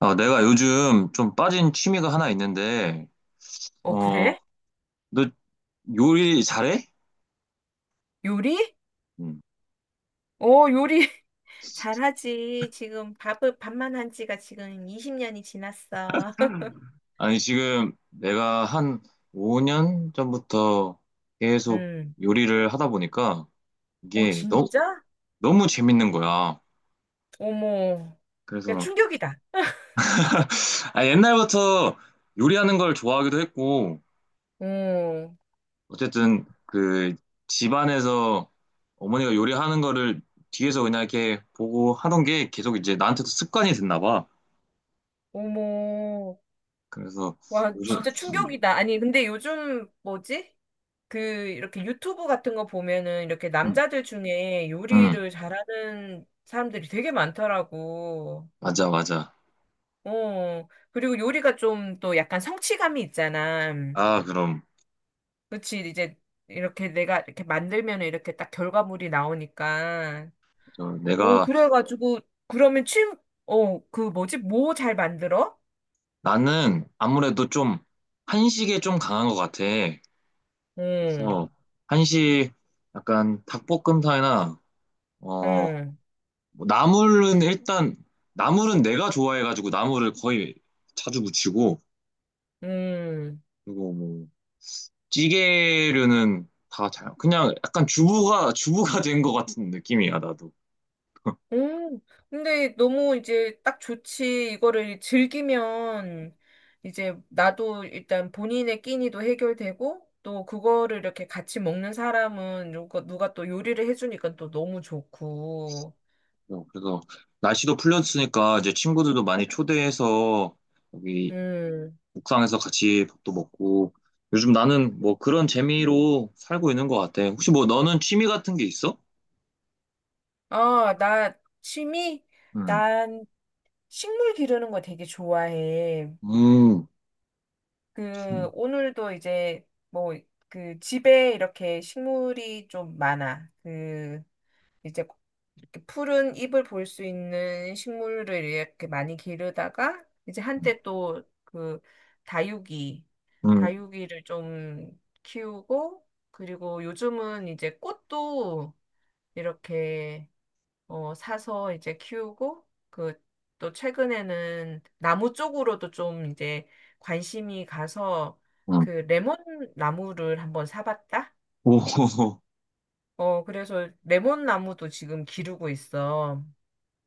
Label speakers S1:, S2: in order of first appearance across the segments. S1: 아, 내가 요즘 좀 빠진 취미가 하나 있는데,
S2: 어,
S1: 어,
S2: 그래?
S1: 너 요리 잘해?
S2: 요리?
S1: 음.
S2: 어, 요리 잘하지. 지금 밥을 밥만 한 지가 지금 20년이 지났어.
S1: 아니, 지금 내가 한 5년 전부터 계속
S2: 음.
S1: 요리를 하다 보니까
S2: 어,
S1: 이게 너무,
S2: 진짜?
S1: 너무 재밌는 거야.
S2: 어머. 야,
S1: 그래서,
S2: 충격이다.
S1: 아, 옛날부터 요리하는 걸 좋아하기도 했고,
S2: 어,
S1: 어쨌든 그 집안에서 어머니가 요리하는 거를 뒤에서 그냥 이렇게 보고 하던 게 계속 이제 나한테도 습관이 됐나 봐.
S2: 어머.
S1: 그래서
S2: 와,
S1: 요즘
S2: 진짜 충격이다. 아니, 근데 요즘 뭐지? 그 이렇게 유튜브 같은 거 보면은 이렇게
S1: 음,
S2: 남자들 중에
S1: 음, 음,
S2: 요리를 잘하는 사람들이 되게 많더라고.
S1: 맞아 맞아.
S2: 어. 그리고 요리가 좀 또 약간 성취감이 있잖아.
S1: 아 그럼
S2: 그치, 이제 이렇게 내가 이렇게 만들면 이렇게 딱 결과물이 나오니까.
S1: 저
S2: 어,
S1: 내가
S2: 그래가지고, 그러면 침, 어, 그 뭐지? 뭐 잘 만들어?
S1: 나는 아무래도 좀 한식에 좀 강한 것 같아.
S2: 응,
S1: 그래서 한식 약간 닭볶음탕이나 어뭐
S2: 응,
S1: 나물은 일단 나물은 내가 좋아해가지고 나물을 거의 자주 무치고
S2: 응,
S1: 그리고 뭐 찌개류는 다 잘 그냥 약간 주부가 된 것 같은 느낌이야 나도.
S2: 응. 근데 너무 이제 딱 좋지. 이거를 즐기면 이제 나도 일단 본인의 끼니도 해결되고, 또 그거를 이렇게 같이 먹는 사람은 누가, 누가 또 요리를 해주니까 또 너무 좋고.
S1: 그래서 날씨도 풀렸으니까 이제 친구들도 많이 초대해서 여기
S2: 음.
S1: 옥상에서 같이 밥도 먹고 요즘 나는 뭐 그런 재미로 살고 있는 것 같아. 혹시 뭐 너는 취미 같은 게 있어?
S2: 어, 나 취미?
S1: 음,
S2: 난 식물 기르는 거 되게 좋아해.
S1: 음,
S2: 그,
S1: 음,
S2: 오늘도 이제 뭐, 그 집에 이렇게 식물이 좀 많아. 그, 이제 이렇게 푸른 잎을 볼 수 있는 식물을 이렇게 많이 기르다가 이제 한때 또 그 다육이,
S1: 음,
S2: 다육이를 좀 키우고 그리고 요즘은 이제 꽃도 이렇게 어, 사서 이제 키우고, 그, 또 최근에는 나무 쪽으로도 좀 이제 관심이 가서
S1: 음.
S2: 그 레몬 나무를 한번 사봤다?
S1: 오,
S2: 어, 그래서 레몬 나무도 지금 기르고 있어.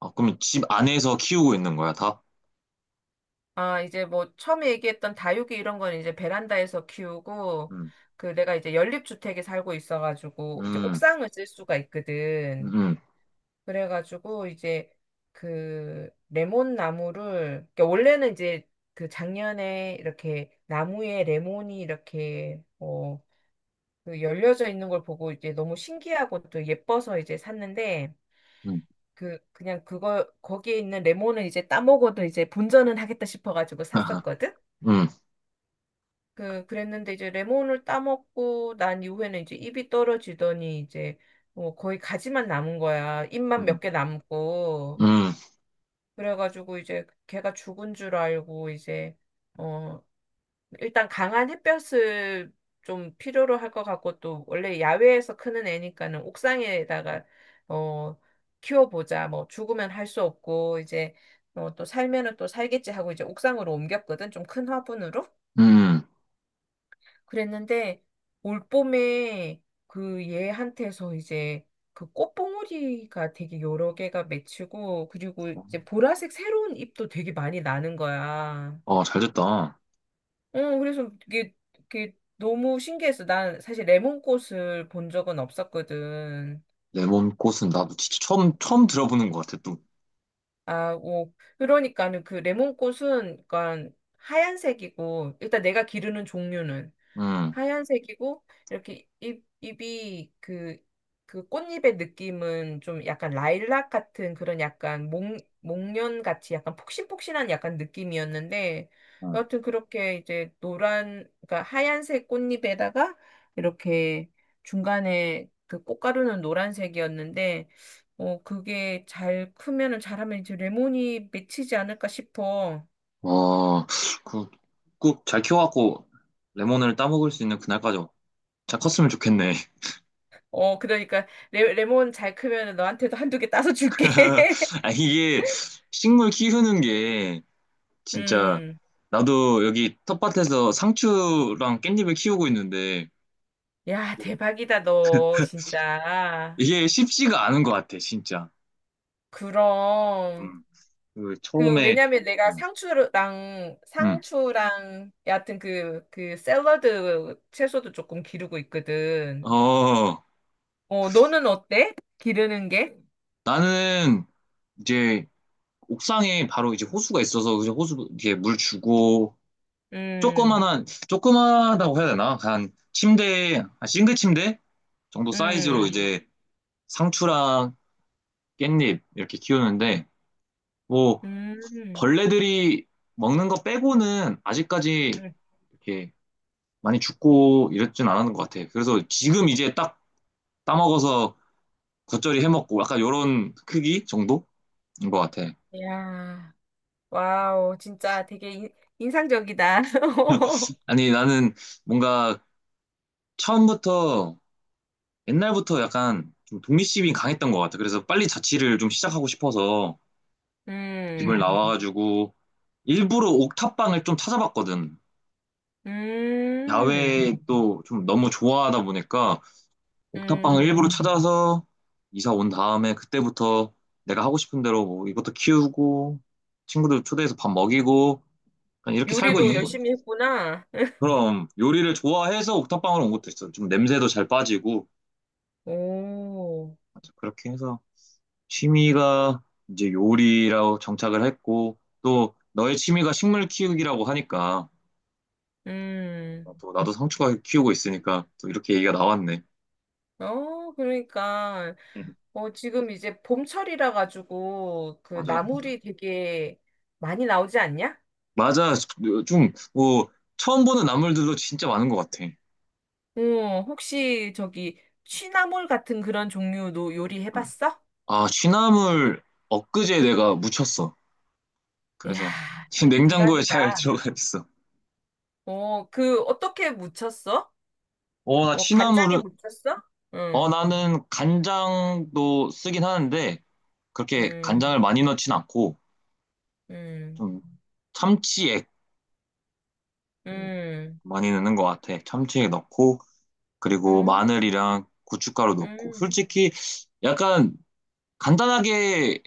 S1: 아, 그럼 집 안에서 키우고 있는 거야, 다?
S2: 아, 이제 뭐 처음에 얘기했던 다육이 이런 건 이제 베란다에서 키우고,
S1: 음,
S2: 그 내가 이제 연립주택에 살고 있어가지고 이제
S1: 음,
S2: 옥상을 쓸 수가 있거든.
S1: 음,
S2: 그래가지고 이제 그 레몬 나무를 그러니까 원래는 이제 그 작년에 이렇게 나무에 레몬이 이렇게 어 그 열려져 있는 걸 보고 이제 너무 신기하고 또 예뻐서 이제 샀는데
S1: 음,
S2: 그 그냥 그거 거기에 있는 레몬을 이제 따먹어도 이제 본전은 하겠다 싶어가지고 샀었거든.
S1: 음,
S2: 그 그랬는데 이제 레몬을 따먹고 난 이후에는 이제 잎이 떨어지더니 이제 뭐 거의 가지만 남은 거야. 잎만 몇
S1: 음,
S2: 개 남고.
S1: 음,
S2: 그래가지고 이제 걔가 죽은 줄 알고 이제 어 일단 강한 햇볕을 좀 필요로 할 것 같고 또 원래 야외에서 크는 애니까는 옥상에다가 어 키워보자 뭐 죽으면 할 수 없고 이제 어, 또 살면은 또 살겠지 하고 이제 옥상으로 옮겼거든 좀 큰 화분으로
S1: 음.
S2: 그랬는데 올봄에 그 얘한테서 이제 그 꽃봉오리가 되게 여러 개가 맺히고 그리고 이제 보라색 새로운 잎도 되게 많이 나는 거야.
S1: 어, 잘 됐다.
S2: 어 그래서 이게 너무 신기했어. 난 사실 레몬꽃을 본 적은 없었거든.
S1: 레몬 꽃은 나도 진짜 처음 들어보는 것 같아, 또.
S2: 아, 오. 그러니까는 그 레몬꽃은 그러니까 하얀색이고 일단 내가 기르는 종류는
S1: 음.
S2: 하얀색이고 이렇게 잎 잎이 그 그 꽃잎의 느낌은 좀 약간 라일락 같은 그런 약간 목 목련 같이 약간 폭신폭신한 약간 느낌이었는데
S1: 음.
S2: 여하튼 그렇게 이제 노란 그러니까 하얀색 꽃잎에다가 이렇게 중간에 그 꽃가루는 노란색이었는데 어, 그게 잘 크면은 잘하면 이제 레몬이 맺히지 않을까 싶어.
S1: 와, 그, 꼭 잘 키워갖고 레몬을 따먹을 수 있는 그날까지 잘 컸으면 좋겠네.
S2: 어, 그러니까 레몬 잘 크면은 너한테도 한두 개 따서 줄게.
S1: 아, 이게 식물 키우는 게 진짜
S2: 음.
S1: 나도 여기 텃밭에서 상추랑 깻잎을 키우고 있는데
S2: 야, 대박이다, 너, 진짜.
S1: 이게 쉽지가 않은 것 같아, 진짜.
S2: 그럼,
S1: 음, 그
S2: 그,
S1: 처음에,
S2: 왜냐면 내가
S1: 음,
S2: 상추랑,
S1: 음.
S2: 상추랑, 여하튼 그, 그, 샐러드 채소도 조금 기르고 있거든.
S1: 어,
S2: 어, 너는 어때? 기르는 게?
S1: 나는 이제 옥상에 바로 이제 호수가 있어서 이제 호수 이렇게 물 주고
S2: 음,
S1: 조그만한 조그만하다고 해야 되나? 한 침대 한 싱글 침대 정도 사이즈로
S2: 음,
S1: 이제 상추랑 깻잎 이렇게 키우는데 뭐
S2: 음,
S1: 벌레들이 먹는 거 빼고는 아직까지
S2: 음.
S1: 이렇게 많이 죽고 이랬진 않았는 것 같아. 그래서 지금 이제 딱 따먹어서 겉절이 해먹고 약간 요런 크기 정도인 것 같아.
S2: 야. 와우, 진짜 되게 인상적이다.
S1: 아니 나는 뭔가 처음부터 옛날부터 약간 좀 독립심이 강했던 것 같아. 그래서 빨리 자취를 좀 시작하고 싶어서 이번에
S2: 음,
S1: 나와가지고 일부러 옥탑방을 좀 찾아봤거든.
S2: 음,
S1: 야외 또좀 너무 좋아하다 보니까 옥탑방을 일부러
S2: 음.
S1: 찾아서 이사 온 다음에 그때부터 내가 하고 싶은 대로 뭐 이것도 키우고 친구들 초대해서 밥 먹이고 그냥 이렇게 살고
S2: 요리도
S1: 있는 거지.
S2: 열심히 했구나.
S1: 그럼 요리를 좋아해서 옥탑방으로 온 것도 있어. 좀 냄새도 잘 빠지고
S2: 오,
S1: 맞아, 그렇게 해서 취미가 이제 요리라고 정착을 했고 또 너의 취미가 식물 키우기라고 하니까
S2: 음.
S1: 어, 또 나도 상추가 키우고 있으니까 또 이렇게 얘기가 나왔네.
S2: 어, 그러니까.
S1: 음,
S2: 어, 지금 이제 봄철이라 가지고 그
S1: 맞아.
S2: 나물이 되게 많이 나오지 않냐?
S1: 맞아. 좀, 뭐, 처음 보는 나물들도 진짜 많은 것 같아.
S2: 어, 혹시 저기 취나물 같은 그런 종류도
S1: 응.
S2: 요리해봤어?
S1: 아, 취나물 엊그제 내가 묻혔어.
S2: 이야,
S1: 그래서 지금 냉장고에 잘
S2: 대박이다.
S1: 들어가 있어.
S2: 어, 그 어떻게 무쳤어?
S1: 어, 나
S2: 뭐 간장에
S1: 취나물을,
S2: 묻혔어?
S1: 어,
S2: 응,
S1: 나는 간장도 쓰긴 하는데, 그렇게
S2: 응.
S1: 간장을 많이 넣진 않고,
S2: 응.
S1: 좀 참치액 음,
S2: 응.
S1: 많이 넣는 것 같아. 참치액 넣고, 그리고
S2: 응.
S1: 마늘이랑 고춧가루 넣고.
S2: 응.
S1: 솔직히 약간 간단하게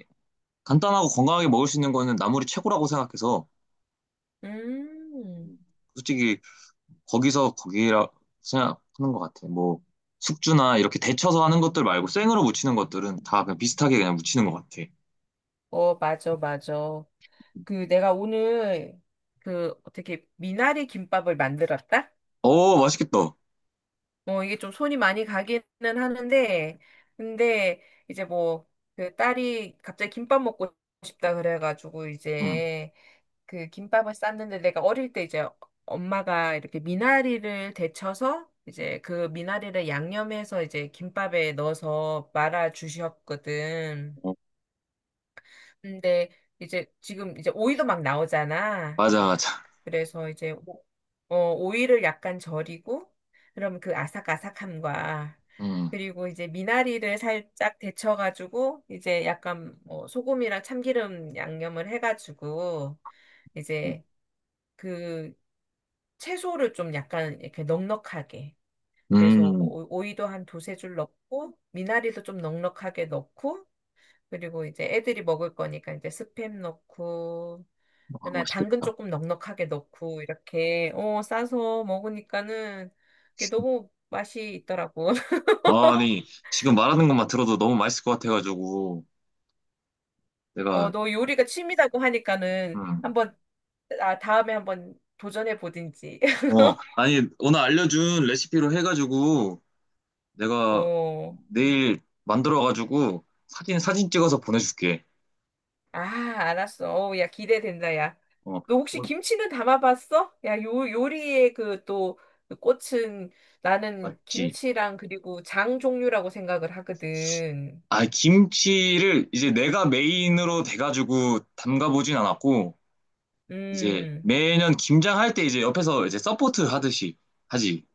S1: 간단하고 건강하게 먹을 수 있는 거는 나물이 최고라고 생각해서
S2: 응.
S1: 솔직히 거기서 거기라 생각하는 것 같아. 뭐 숙주나 이렇게 데쳐서 하는 것들 말고 생으로 무치는 것들은 다 그냥 비슷하게 그냥 무치는 것 같아.
S2: 어, 맞아, 맞아. 그 내가 오늘 그 어떻게 미나리 김밥을 만들었다?
S1: 어 맛있겠다.
S2: 어, 이게 좀 손이 많이 가기는 하는데, 근데 이제 뭐 그 딸이 갑자기 김밥 먹고 싶다 그래가지고
S1: 응.
S2: 이제 그 김밥을 쌌는데 내가 어릴 때 이제 엄마가 이렇게 미나리를 데쳐서 이제 그 미나리를 양념해서 이제 김밥에 넣어서 말아 주셨거든.
S1: 어,
S2: 근데 이제 지금 이제 오이도 막 나오잖아.
S1: 맞아 맞아.
S2: 그래서 이제 어, 오이를 약간 절이고 그럼 그 아삭아삭함과
S1: 응.
S2: 그리고 이제 미나리를 살짝 데쳐가지고 이제 약간 뭐 소금이랑 참기름 양념을 해가지고 이제 그 채소를 좀 약간 이렇게 넉넉하게. 그래서
S1: 음.
S2: 오이도 한 두세 줄 넣고, 미나리도 좀 넉넉하게 넣고, 그리고 이제 애들이 먹을 거니까 이제 스팸 넣고,
S1: 아
S2: 그다음 당근
S1: 맛있겠다.
S2: 조금 넉넉하게 넣고, 이렇게, 어, 싸서 먹으니까는 그게 너무 맛이 있더라고.
S1: 아니 지금 말하는 것만 들어도 너무 맛있을 것 같아가지고
S2: 어,
S1: 내가
S2: 너 요리가 취미라고 하니까는
S1: 음.
S2: 한번, 아, 다음에 한번 도전해 보든지.
S1: 어 아니 오늘 알려준 레시피로 해가지고 내가
S2: 어.
S1: 내일 만들어가지고 사진 찍어서 보내줄게.
S2: 아, 알았어. 어우, 야, 기대된다, 야.
S1: 어,
S2: 너 혹시
S1: 어,
S2: 김치는 담아봤어? 야, 요리의 그 또, 그 꽃은 나는
S1: 맞지.
S2: 김치랑 그리고 장 종류라고 생각을 하거든.
S1: 아, 김치를 이제 내가 메인으로 돼가지고 담가보진 않았고, 이제
S2: 음.
S1: 매년 김장할 때 이제 옆에서 이제 서포트 하듯이 하지.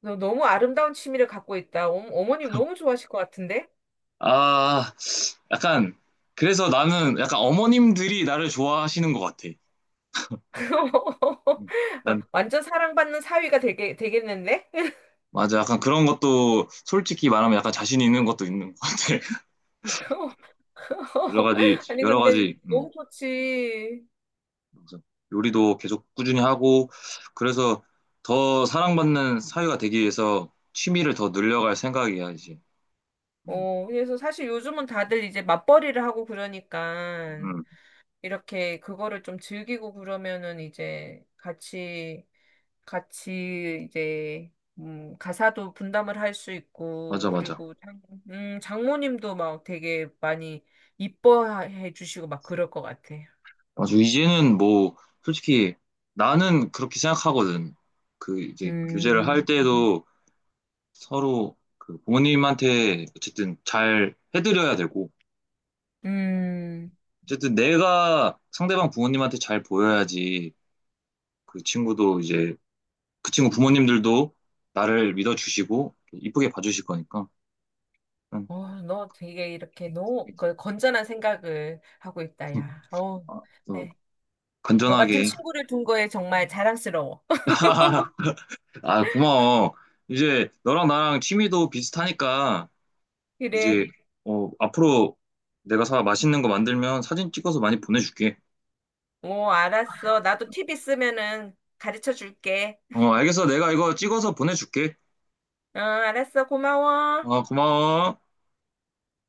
S2: 너 너무 아름다운 취미를 갖고 있다. 어, 어머님 너무 좋아하실 것 같은데?
S1: 아, 약간, 그래서 나는 약간 어머님들이 나를 좋아하시는 것 같아. 난,
S2: 완전 사랑받는 사위가 되겠는데?
S1: 맞아. 약간 그런 것도 솔직히 말하면 약간 자신 있는 것도 있는 것 같아. 여러 가지,
S2: 아니,
S1: 여러
S2: 근데
S1: 가지. 음.
S2: 너무 좋지.
S1: 그래서 요리도 계속 꾸준히 하고 그래서 더 사랑받는 사회가 되기 위해서 취미를 더 늘려갈 생각이야 이제. 음,
S2: 어, 그래서 사실 요즘은 다들 이제 맞벌이를 하고 그러니까.
S1: 음,
S2: 이렇게 그거를 좀 즐기고 그러면은 이제 같이 이제 가사도 분담을 할 수 있고
S1: 맞아 맞아.
S2: 그리고 장, 장모님도 막 되게 많이 이뻐해 주시고 막 그럴 것 같아.
S1: 맞아 이제는 뭐 솔직히 나는 그렇게 생각하거든. 그 이제 교제를 할
S2: 음.
S1: 때도 서로 그 부모님한테 어쨌든 잘 해드려야 되고
S2: 음.
S1: 어쨌든 내가 상대방 부모님한테 잘 보여야지 그 친구도 이제 그 친구 부모님들도 나를 믿어주시고 이쁘게 봐주실 거니까. 응.
S2: 어, 너 되게 이렇게 너무 그 건전한 생각을 하고 있다, 야. 어,
S1: 아, 또
S2: 네. 너 같은
S1: 건전하게.
S2: 친구를 둔 거에 정말 자랑스러워.
S1: 아, 고마워. 이제 너랑 나랑 취미도 비슷하니까
S2: 그래.
S1: 이제 어, 앞으로 내가 사 맛있는 거 만들면 사진 찍어서 많이 보내줄게.
S2: 어, 알았어. 나도 팁 있으면은 가르쳐 줄게.
S1: 어, 알겠어. 내가 이거 찍어서 보내줄게.
S2: 아 알았어. 고마워.
S1: 어, 고마워.